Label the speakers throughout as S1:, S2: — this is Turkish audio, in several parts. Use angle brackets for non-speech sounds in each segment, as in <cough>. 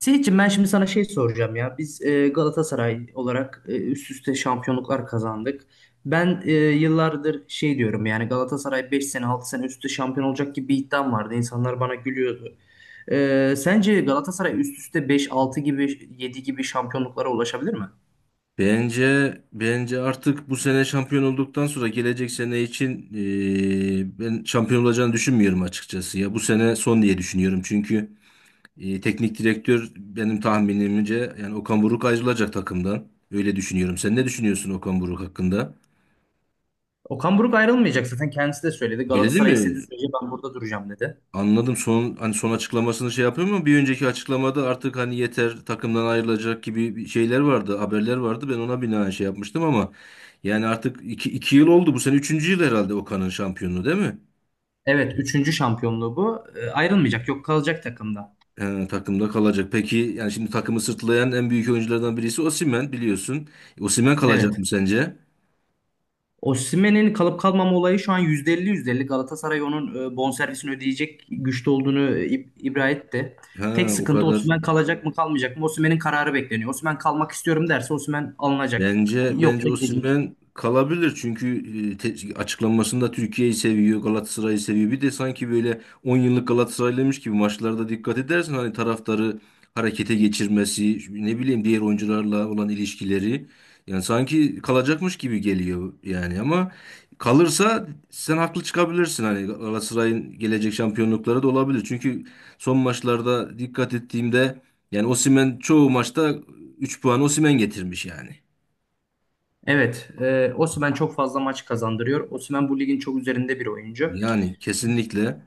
S1: Seyitciğim ben şimdi sana şey soracağım ya. Biz Galatasaray olarak üst üste şampiyonluklar kazandık. Ben yıllardır şey diyorum yani Galatasaray 5 sene 6 sene üst üste şampiyon olacak gibi bir iddiam vardı. İnsanlar bana gülüyordu. Sence Galatasaray üst üste 5, 6 gibi 7 gibi şampiyonluklara ulaşabilir mi?
S2: Bence bence artık bu sene şampiyon olduktan sonra gelecek sene için ben şampiyon olacağını düşünmüyorum açıkçası ya. Bu sene son diye düşünüyorum. Çünkü teknik direktör benim tahminimce yani Okan Buruk ayrılacak takımdan. Öyle düşünüyorum. Sen ne düşünüyorsun Okan Buruk hakkında?
S1: Okan Buruk ayrılmayacak, zaten kendisi de söyledi.
S2: Öyle değil
S1: Galatasaray istediği
S2: mi?
S1: sürece ben burada duracağım dedi.
S2: Anladım. Son hani son açıklamasını şey yapıyor mu? Bir önceki açıklamada artık hani yeter takımdan ayrılacak gibi bir şeyler vardı, haberler vardı. Ben ona binaen şey yapmıştım ama yani artık iki yıl oldu. Bu sene üçüncü yıl herhalde Okan'ın şampiyonluğu değil mi?
S1: Evet, üçüncü şampiyonluğu bu. Ayrılmayacak, yok, kalacak takımda.
S2: Takımda kalacak. Peki yani şimdi takımı sırtlayan en büyük oyunculardan birisi Osimhen biliyorsun. Osimhen kalacak mı
S1: Evet.
S2: sence?
S1: Osimhen'in kalıp kalmama olayı şu an %50 yüzde elli. Galatasaray onun bonservisini ödeyecek güçte olduğunu ibra etti. Tek
S2: Ha, o
S1: sıkıntı
S2: kadar.
S1: Osimhen kalacak mı kalmayacak mı? Osimhen'in kararı bekleniyor. Osimhen kalmak istiyorum derse Osimhen alınacak.
S2: Bence bence
S1: Yoksa gidecek.
S2: Osimhen kalabilir çünkü açıklamasında Türkiye'yi seviyor, Galatasaray'ı seviyor. Bir de sanki böyle 10 yıllık Galatasaraylıymış gibi maçlarda dikkat edersen hani taraftarı harekete geçirmesi, ne bileyim diğer oyuncularla olan ilişkileri yani sanki kalacakmış gibi geliyor yani ama kalırsa sen haklı çıkabilirsin hani Galatasaray'ın gelecek şampiyonlukları da olabilir. Çünkü son maçlarda dikkat ettiğimde yani Osimhen çoğu maçta 3 puan Osimhen getirmiş yani.
S1: Evet, Osimhen çok fazla maç kazandırıyor. Osimhen bu ligin çok üzerinde bir oyuncu.
S2: Yani kesinlikle.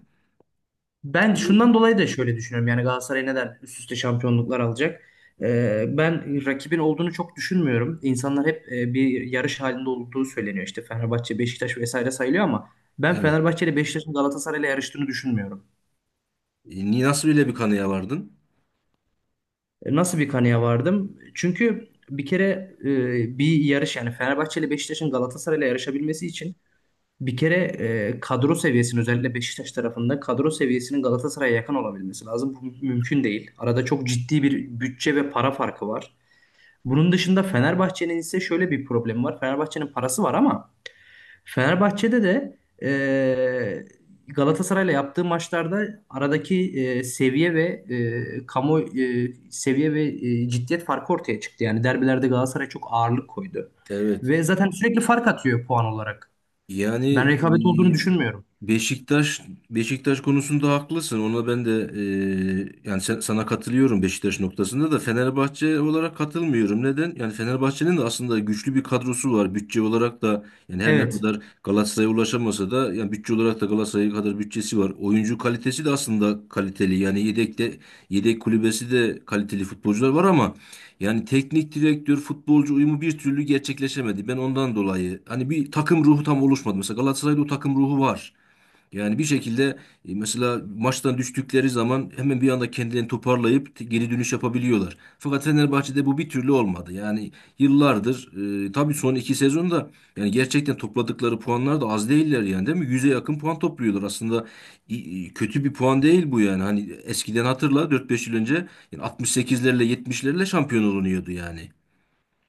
S1: Ben şundan dolayı da şöyle düşünüyorum. Yani Galatasaray neden üst üste şampiyonluklar alacak? Ben rakibin olduğunu çok düşünmüyorum. İnsanlar hep bir yarış halinde olduğu söyleniyor. İşte Fenerbahçe, Beşiktaş vesaire sayılıyor ama ben
S2: Evet.
S1: Fenerbahçe ile Beşiktaş'ın Galatasaray ile yarıştığını düşünmüyorum.
S2: Nasıl bile bir kanıya vardın?
S1: Nasıl bir kanıya vardım? Çünkü bir kere bir yarış, yani Fenerbahçe ile Beşiktaş'ın Galatasaray ile yarışabilmesi için bir kere kadro seviyesinin, özellikle Beşiktaş tarafında, kadro seviyesinin Galatasaray'a yakın olabilmesi lazım. Bu mümkün değil. Arada çok ciddi bir bütçe ve para farkı var. Bunun dışında Fenerbahçe'nin ise şöyle bir problemi var. Fenerbahçe'nin parası var ama Fenerbahçe'de de Galatasaray'la yaptığı maçlarda aradaki seviye ve ciddiyet farkı ortaya çıktı. Yani derbilerde Galatasaray çok ağırlık koydu. Ve
S2: Evet.
S1: zaten sürekli fark atıyor puan olarak. Ben
S2: Yani
S1: rekabet olduğunu düşünmüyorum.
S2: e, Beşiktaş Beşiktaş konusunda haklısın. Ona ben de yani sana katılıyorum Beşiktaş noktasında da Fenerbahçe olarak katılmıyorum. Neden? Yani Fenerbahçe'nin de aslında güçlü bir kadrosu var. Bütçe olarak da yani her ne
S1: Evet.
S2: kadar Galatasaray'a ulaşamasa da yani bütçe olarak da Galatasaray kadar bütçesi var. Oyuncu kalitesi de aslında kaliteli. Yani yedekte yedek kulübesi de kaliteli futbolcular var ama yani teknik direktör futbolcu uyumu bir türlü gerçekleşemedi. Ben ondan dolayı hani bir takım ruhu tam oluşmadı. Mesela Galatasaray'da o takım ruhu var. Yani bir şekilde mesela maçtan düştükleri zaman hemen bir anda kendilerini toparlayıp geri dönüş yapabiliyorlar. Fakat Fenerbahçe'de bu bir türlü olmadı. Yani yıllardır tabii son iki sezonda yani gerçekten topladıkları puanlar da az değiller yani değil mi? Yüze yakın puan topluyorlar. Aslında i- kötü bir puan değil bu yani. Hani eskiden hatırla dört beş yıl önce yani 68'lerle 70'lerle şampiyon olunuyordu yani.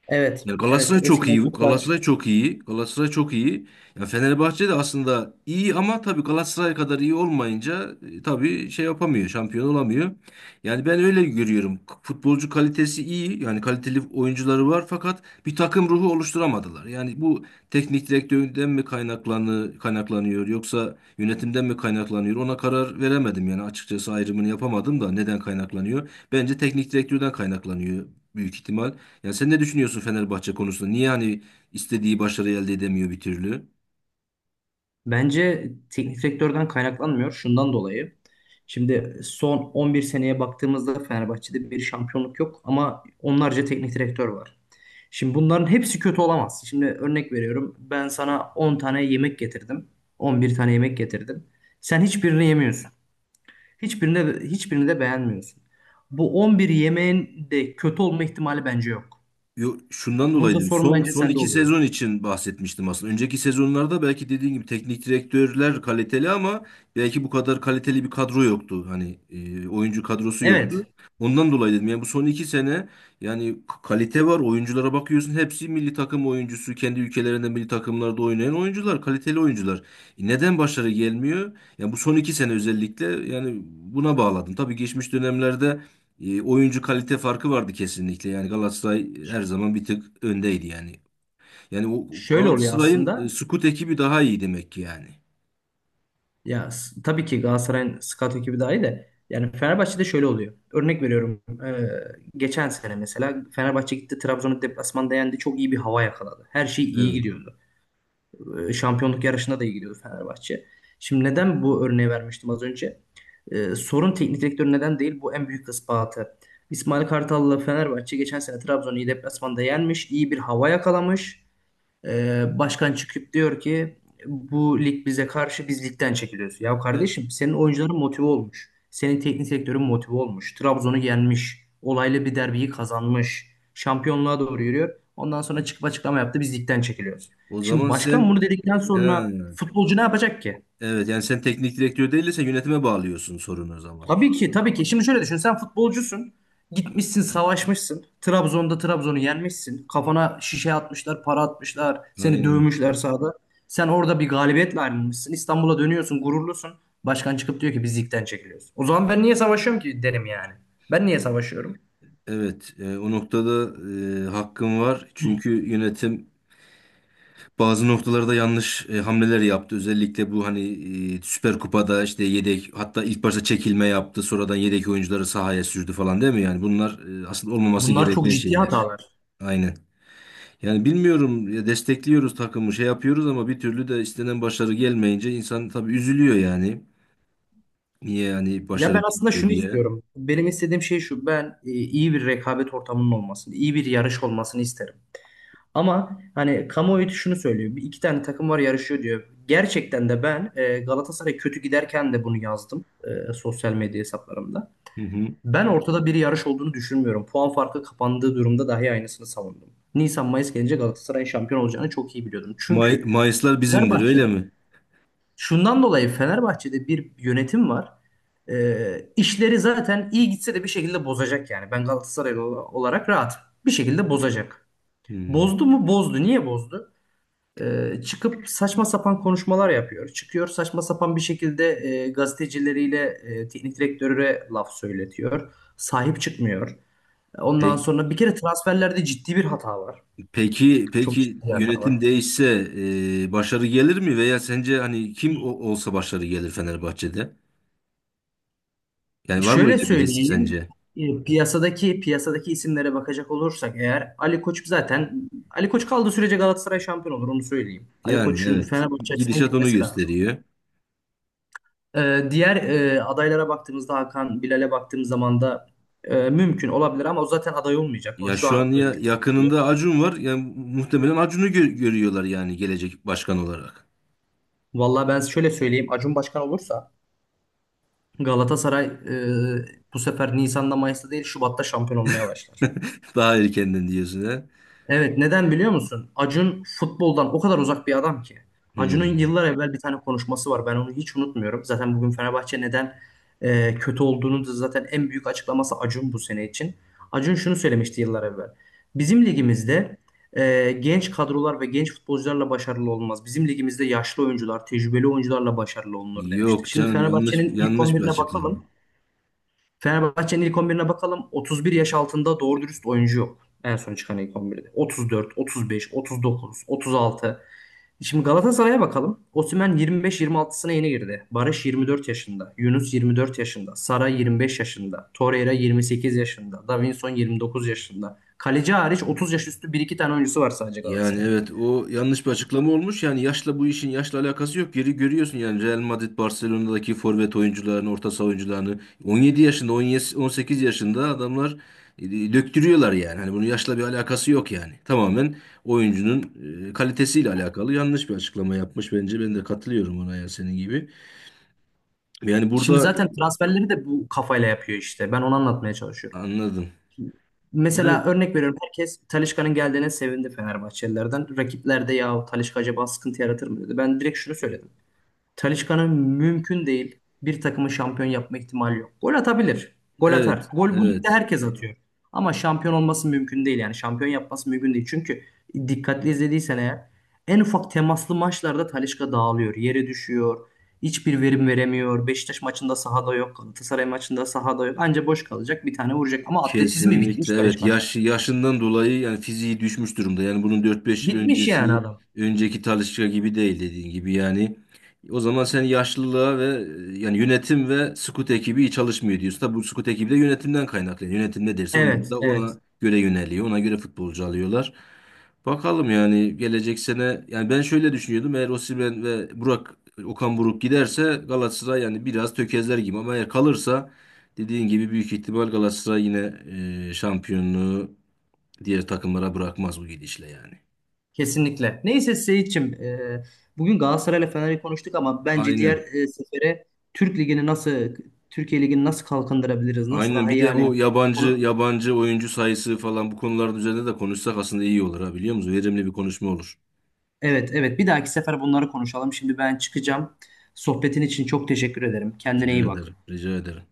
S1: Evet,
S2: Ya
S1: evet.
S2: Galatasaray çok
S1: Eskiden
S2: iyi.
S1: çok daha düşük.
S2: Galatasaray çok iyi. Galatasaray çok iyi. Ya Fenerbahçe de aslında iyi ama tabii Galatasaray kadar iyi olmayınca tabii şey yapamıyor, şampiyon olamıyor. Yani ben öyle görüyorum. Futbolcu kalitesi iyi. Yani kaliteli oyuncuları var fakat bir takım ruhu oluşturamadılar. Yani bu teknik direktörden mi kaynaklanıyor yoksa yönetimden mi kaynaklanıyor? Ona karar veremedim yani açıkçası ayrımını yapamadım da neden kaynaklanıyor? Bence teknik direktörden kaynaklanıyor büyük ihtimal. Yani sen ne düşünüyorsun Fenerbahçe konusunda? Niye hani istediği başarı elde edemiyor bir türlü?
S1: Bence teknik direktörden kaynaklanmıyor, şundan dolayı. Şimdi son 11 seneye baktığımızda Fenerbahçe'de bir şampiyonluk yok ama onlarca teknik direktör var. Şimdi bunların hepsi kötü olamaz. Şimdi örnek veriyorum. Ben sana 10 tane yemek getirdim. On bir tane yemek getirdim. Sen hiçbirini yemiyorsun. Hiçbirini de, hiçbirini de beğenmiyorsun. Bu 11 yemeğin de kötü olma ihtimali bence yok.
S2: Yo, şundan dolayı
S1: Burada
S2: dedim.
S1: sorun
S2: Son
S1: bence
S2: son
S1: sende
S2: iki
S1: oluyor.
S2: sezon için bahsetmiştim aslında. Önceki sezonlarda belki dediğin gibi teknik direktörler kaliteli ama belki bu kadar kaliteli bir kadro yoktu. Hani oyuncu kadrosu
S1: Evet.
S2: yoktu. Ondan dolayı dedim. Yani bu son iki sene yani kalite var. Oyunculara bakıyorsun. Hepsi milli takım oyuncusu. Kendi ülkelerinde milli takımlarda oynayan oyuncular. Kaliteli oyuncular. Neden başarı gelmiyor? Yani bu son iki sene özellikle yani buna bağladım. Tabii geçmiş dönemlerde oyuncu kalite farkı vardı kesinlikle. Yani Galatasaray her zaman bir tık öndeydi yani. Yani o
S1: Şöyle oluyor
S2: Galatasaray'ın
S1: aslında.
S2: scout ekibi daha iyi demek ki yani.
S1: Ya tabii ki Galatasaray'ın scout ekibi dahi de, yani Fenerbahçe'de şöyle oluyor. Örnek veriyorum. Geçen sene mesela Fenerbahçe gitti, Trabzon'u deplasmanda yendi. Çok iyi bir hava yakaladı. Her şey iyi
S2: Evet.
S1: gidiyordu. Şampiyonluk yarışında da iyi gidiyordu Fenerbahçe. Şimdi neden bu örneği vermiştim az önce? Sorun teknik direktör neden değil? Bu en büyük ispatı. İsmail Kartal'la Fenerbahçe geçen sene Trabzon'u iyi deplasmanda yenmiş. İyi bir hava yakalamış. Başkan çıkıp diyor ki bu lig bize karşı, biz ligden çekiliyoruz. Ya
S2: E,
S1: kardeşim, senin oyuncuların motive olmuş. Senin teknik direktörün motive olmuş. Trabzon'u yenmiş. Olaylı bir derbiyi kazanmış. Şampiyonluğa doğru yürüyor. Ondan sonra çıkıp açıklama yaptı, biz ligden çekiliyoruz.
S2: O
S1: Şimdi
S2: zaman sen
S1: başkan bunu dedikten
S2: he,
S1: sonra futbolcu ne yapacak ki?
S2: evet yani sen teknik direktör değilse yönetime bağlıyorsun sorunu o zaman.
S1: Tabii ki, tabii ki. Şimdi şöyle düşün. Sen futbolcusun. Gitmişsin, savaşmışsın. Trabzon'da Trabzon'u yenmişsin. Kafana şişe atmışlar, para atmışlar. Seni
S2: Aynen.
S1: dövmüşler sahada. Sen orada bir galibiyetle ayrılmışsın. İstanbul'a dönüyorsun, gururlusun. Başkan çıkıp diyor ki biz ligden çekiliyoruz. O zaman ben niye savaşıyorum ki derim yani. Ben niye savaşıyorum?
S2: Evet. O noktada hakkın var. Çünkü yönetim bazı noktalarda yanlış hamleler yaptı. Özellikle bu hani Süper Kupa'da işte yedek hatta ilk başta çekilme yaptı. Sonradan yedek oyuncuları sahaya sürdü falan değil mi? Yani bunlar aslında olmaması
S1: Bunlar çok
S2: gereken
S1: ciddi
S2: şeyler.
S1: hatalar.
S2: Aynen. Yani bilmiyorum ya destekliyoruz takımı şey yapıyoruz ama bir türlü de istenen başarı gelmeyince insan tabii üzülüyor yani. Niye yani
S1: Ya
S2: başarı
S1: ben aslında
S2: gelmiyor
S1: şunu
S2: diye.
S1: istiyorum. Benim istediğim şey şu. Ben iyi bir rekabet ortamının olmasını, iyi bir yarış olmasını isterim. Ama hani kamuoyu şunu söylüyor. Bir iki tane takım var, yarışıyor diyor. Gerçekten de ben Galatasaray kötü giderken de bunu yazdım sosyal medya hesaplarımda.
S2: Hı hı.
S1: Ben ortada bir yarış olduğunu düşünmüyorum. Puan farkı kapandığı durumda dahi aynısını savundum. Nisan-Mayıs gelince Galatasaray'ın şampiyon olacağını çok iyi biliyordum. Çünkü
S2: Mayıslar bizimdir öyle
S1: Fenerbahçe'de,
S2: mi?
S1: şundan dolayı, Fenerbahçe'de bir yönetim var. İşleri zaten iyi gitse de bir şekilde bozacak yani. Ben Galatasaraylı olarak rahat. Bir şekilde bozacak.
S2: Hı.
S1: Bozdu mu? Bozdu. Niye bozdu? Çıkıp saçma sapan konuşmalar yapıyor. Çıkıyor saçma sapan bir şekilde, gazetecileriyle teknik direktöre laf söyletiyor. Sahip çıkmıyor. Ondan sonra bir kere transferlerde ciddi bir hata var.
S2: Peki
S1: Çok
S2: peki
S1: ciddi bir hata
S2: yönetim
S1: var.
S2: değişse başarı gelir mi veya sence hani kim olsa başarı gelir Fenerbahçe'de? Yani var mı
S1: Şöyle
S2: öyle birisi
S1: söyleyeyim.
S2: sence?
S1: Piyasadaki isimlere bakacak olursak eğer Ali Koç, zaten Ali Koç kaldığı sürece Galatasaray şampiyon olur, onu söyleyeyim. Ali
S2: Yani
S1: Koç'un
S2: evet.
S1: Fenerbahçe açısından
S2: Gidişat onu
S1: gitmesi lazım.
S2: gösteriyor.
S1: Diğer adaylara baktığımızda Hakan Bilal'e baktığım zaman da mümkün olabilir ama o zaten aday olmayacak. Onu
S2: Ya
S1: şu
S2: şu an
S1: an
S2: ya
S1: önde tartıyor.
S2: yakınında Acun var. Yani muhtemelen Acun'u görüyorlar yani gelecek başkan olarak.
S1: Vallahi ben şöyle söyleyeyim. Acun başkan olursa Galatasaray bu sefer Nisan'da, Mayıs'ta değil, Şubat'ta şampiyon olmaya başlar.
S2: <laughs> Daha erkenden diyorsun ha?
S1: Evet, neden biliyor musun? Acun futboldan o kadar uzak bir adam ki. Acun'un
S2: Hmm.
S1: yıllar evvel bir tane konuşması var. Ben onu hiç unutmuyorum. Zaten bugün Fenerbahçe neden kötü olduğunu da zaten en büyük açıklaması Acun bu sene için. Acun şunu söylemişti yıllar evvel. Bizim ligimizde genç kadrolar ve genç futbolcularla başarılı olmaz. Bizim ligimizde yaşlı oyuncular, tecrübeli oyuncularla başarılı olunur demişti.
S2: Yok
S1: Şimdi
S2: canım yanlış
S1: Fenerbahçe'nin ilk
S2: yanlış bir
S1: 11'ine
S2: açıklama.
S1: bakalım. Fenerbahçe'nin ilk 11'ine bakalım. 31 yaş altında doğru dürüst oyuncu yok. En son çıkan ilk 11'de. 34, 35, 39, 36. Şimdi Galatasaray'a bakalım. Osimhen 25-26'sına yeni girdi. Barış 24 yaşında. Yunus 24 yaşında. Sara 25 yaşında. Torreira 28 yaşında. Davinson 29 yaşında. Kaleci hariç 30 yaş üstü bir iki tane oyuncusu var sadece
S2: Yani
S1: Galatasaray'ın.
S2: evet o yanlış bir açıklama olmuş. Yani yaşla bu işin yaşla alakası yok. Geri görüyorsun yani Real Madrid Barcelona'daki forvet oyuncularını, orta saha oyuncularını 17 yaşında, 17 18 yaşında adamlar döktürüyorlar yani. Hani bunun yaşla bir alakası yok yani. Tamamen oyuncunun kalitesiyle alakalı yanlış bir açıklama yapmış bence. Ben de katılıyorum ona ya senin gibi. Yani
S1: Şimdi
S2: burada
S1: zaten transferleri de bu kafayla yapıyor işte. Ben onu anlatmaya çalışıyorum.
S2: anladım. Yani
S1: Mesela örnek veriyorum, herkes Talisca'nın geldiğine sevindi Fenerbahçelilerden. Rakipler de ya Talisca acaba sıkıntı yaratır mı dedi. Ben direkt şunu söyledim. Talisca'nın mümkün değil, bir takımı şampiyon yapma ihtimali yok. Gol atabilir. Gol atar.
S2: evet,
S1: Gol bu ligde
S2: evet.
S1: herkes atıyor. Ama şampiyon olması mümkün değil yani. Şampiyon yapması mümkün değil. Çünkü dikkatli izlediysen eğer, en ufak temaslı maçlarda Talisca dağılıyor. Yere düşüyor. Hiçbir verim veremiyor. Beşiktaş maçında sahada yok. Galatasaray maçında sahada yok. Anca boş kalacak. Bir tane vuracak. Ama atletizmi bitmiş
S2: Kesinlikle evet
S1: Talisca'nın.
S2: yaş yaşından dolayı yani fiziği düşmüş durumda. Yani bunun dört beş yıl
S1: Bitmiş yani
S2: öncesi
S1: adam.
S2: önceki Talisca gibi değil dediğin gibi yani. O zaman sen yaşlılığa ve yani yönetim ve scout ekibi iyi çalışmıyor diyorsun. Tabi bu scout ekibi de yönetimden kaynaklanıyor. Yönetim ne derse onu
S1: Evet,
S2: da
S1: evet.
S2: ona göre yöneliyor. Ona göre futbolcu alıyorlar. Bakalım yani gelecek sene yani ben şöyle düşünüyordum. Eğer Osimhen ve Burak Okan Buruk giderse Galatasaray yani biraz tökezler gibi ama eğer kalırsa dediğin gibi büyük ihtimal Galatasaray yine şampiyonluğu diğer takımlara bırakmaz bu gidişle yani.
S1: Kesinlikle. Neyse Seyitçim, bugün Galatasaray'la Fener'i konuştuk ama bence diğer
S2: Aynen.
S1: sefere Türk Ligi'ni nasıl, Türkiye Ligi'ni nasıl kalkındırabiliriz, nasıl
S2: Aynen.
S1: daha
S2: Bir
S1: iyi
S2: de
S1: hale
S2: bu
S1: getirebiliriz?
S2: yabancı
S1: Onu,
S2: yabancı oyuncu sayısı falan bu konuların üzerinde de konuşsak aslında iyi olur ha biliyor musun? Verimli bir konuşma olur.
S1: evet, evet. Bir dahaki sefer bunları konuşalım. Şimdi ben çıkacağım. Sohbetin için çok teşekkür ederim. Kendine
S2: Rica
S1: iyi bak.
S2: ederim. Rica ederim.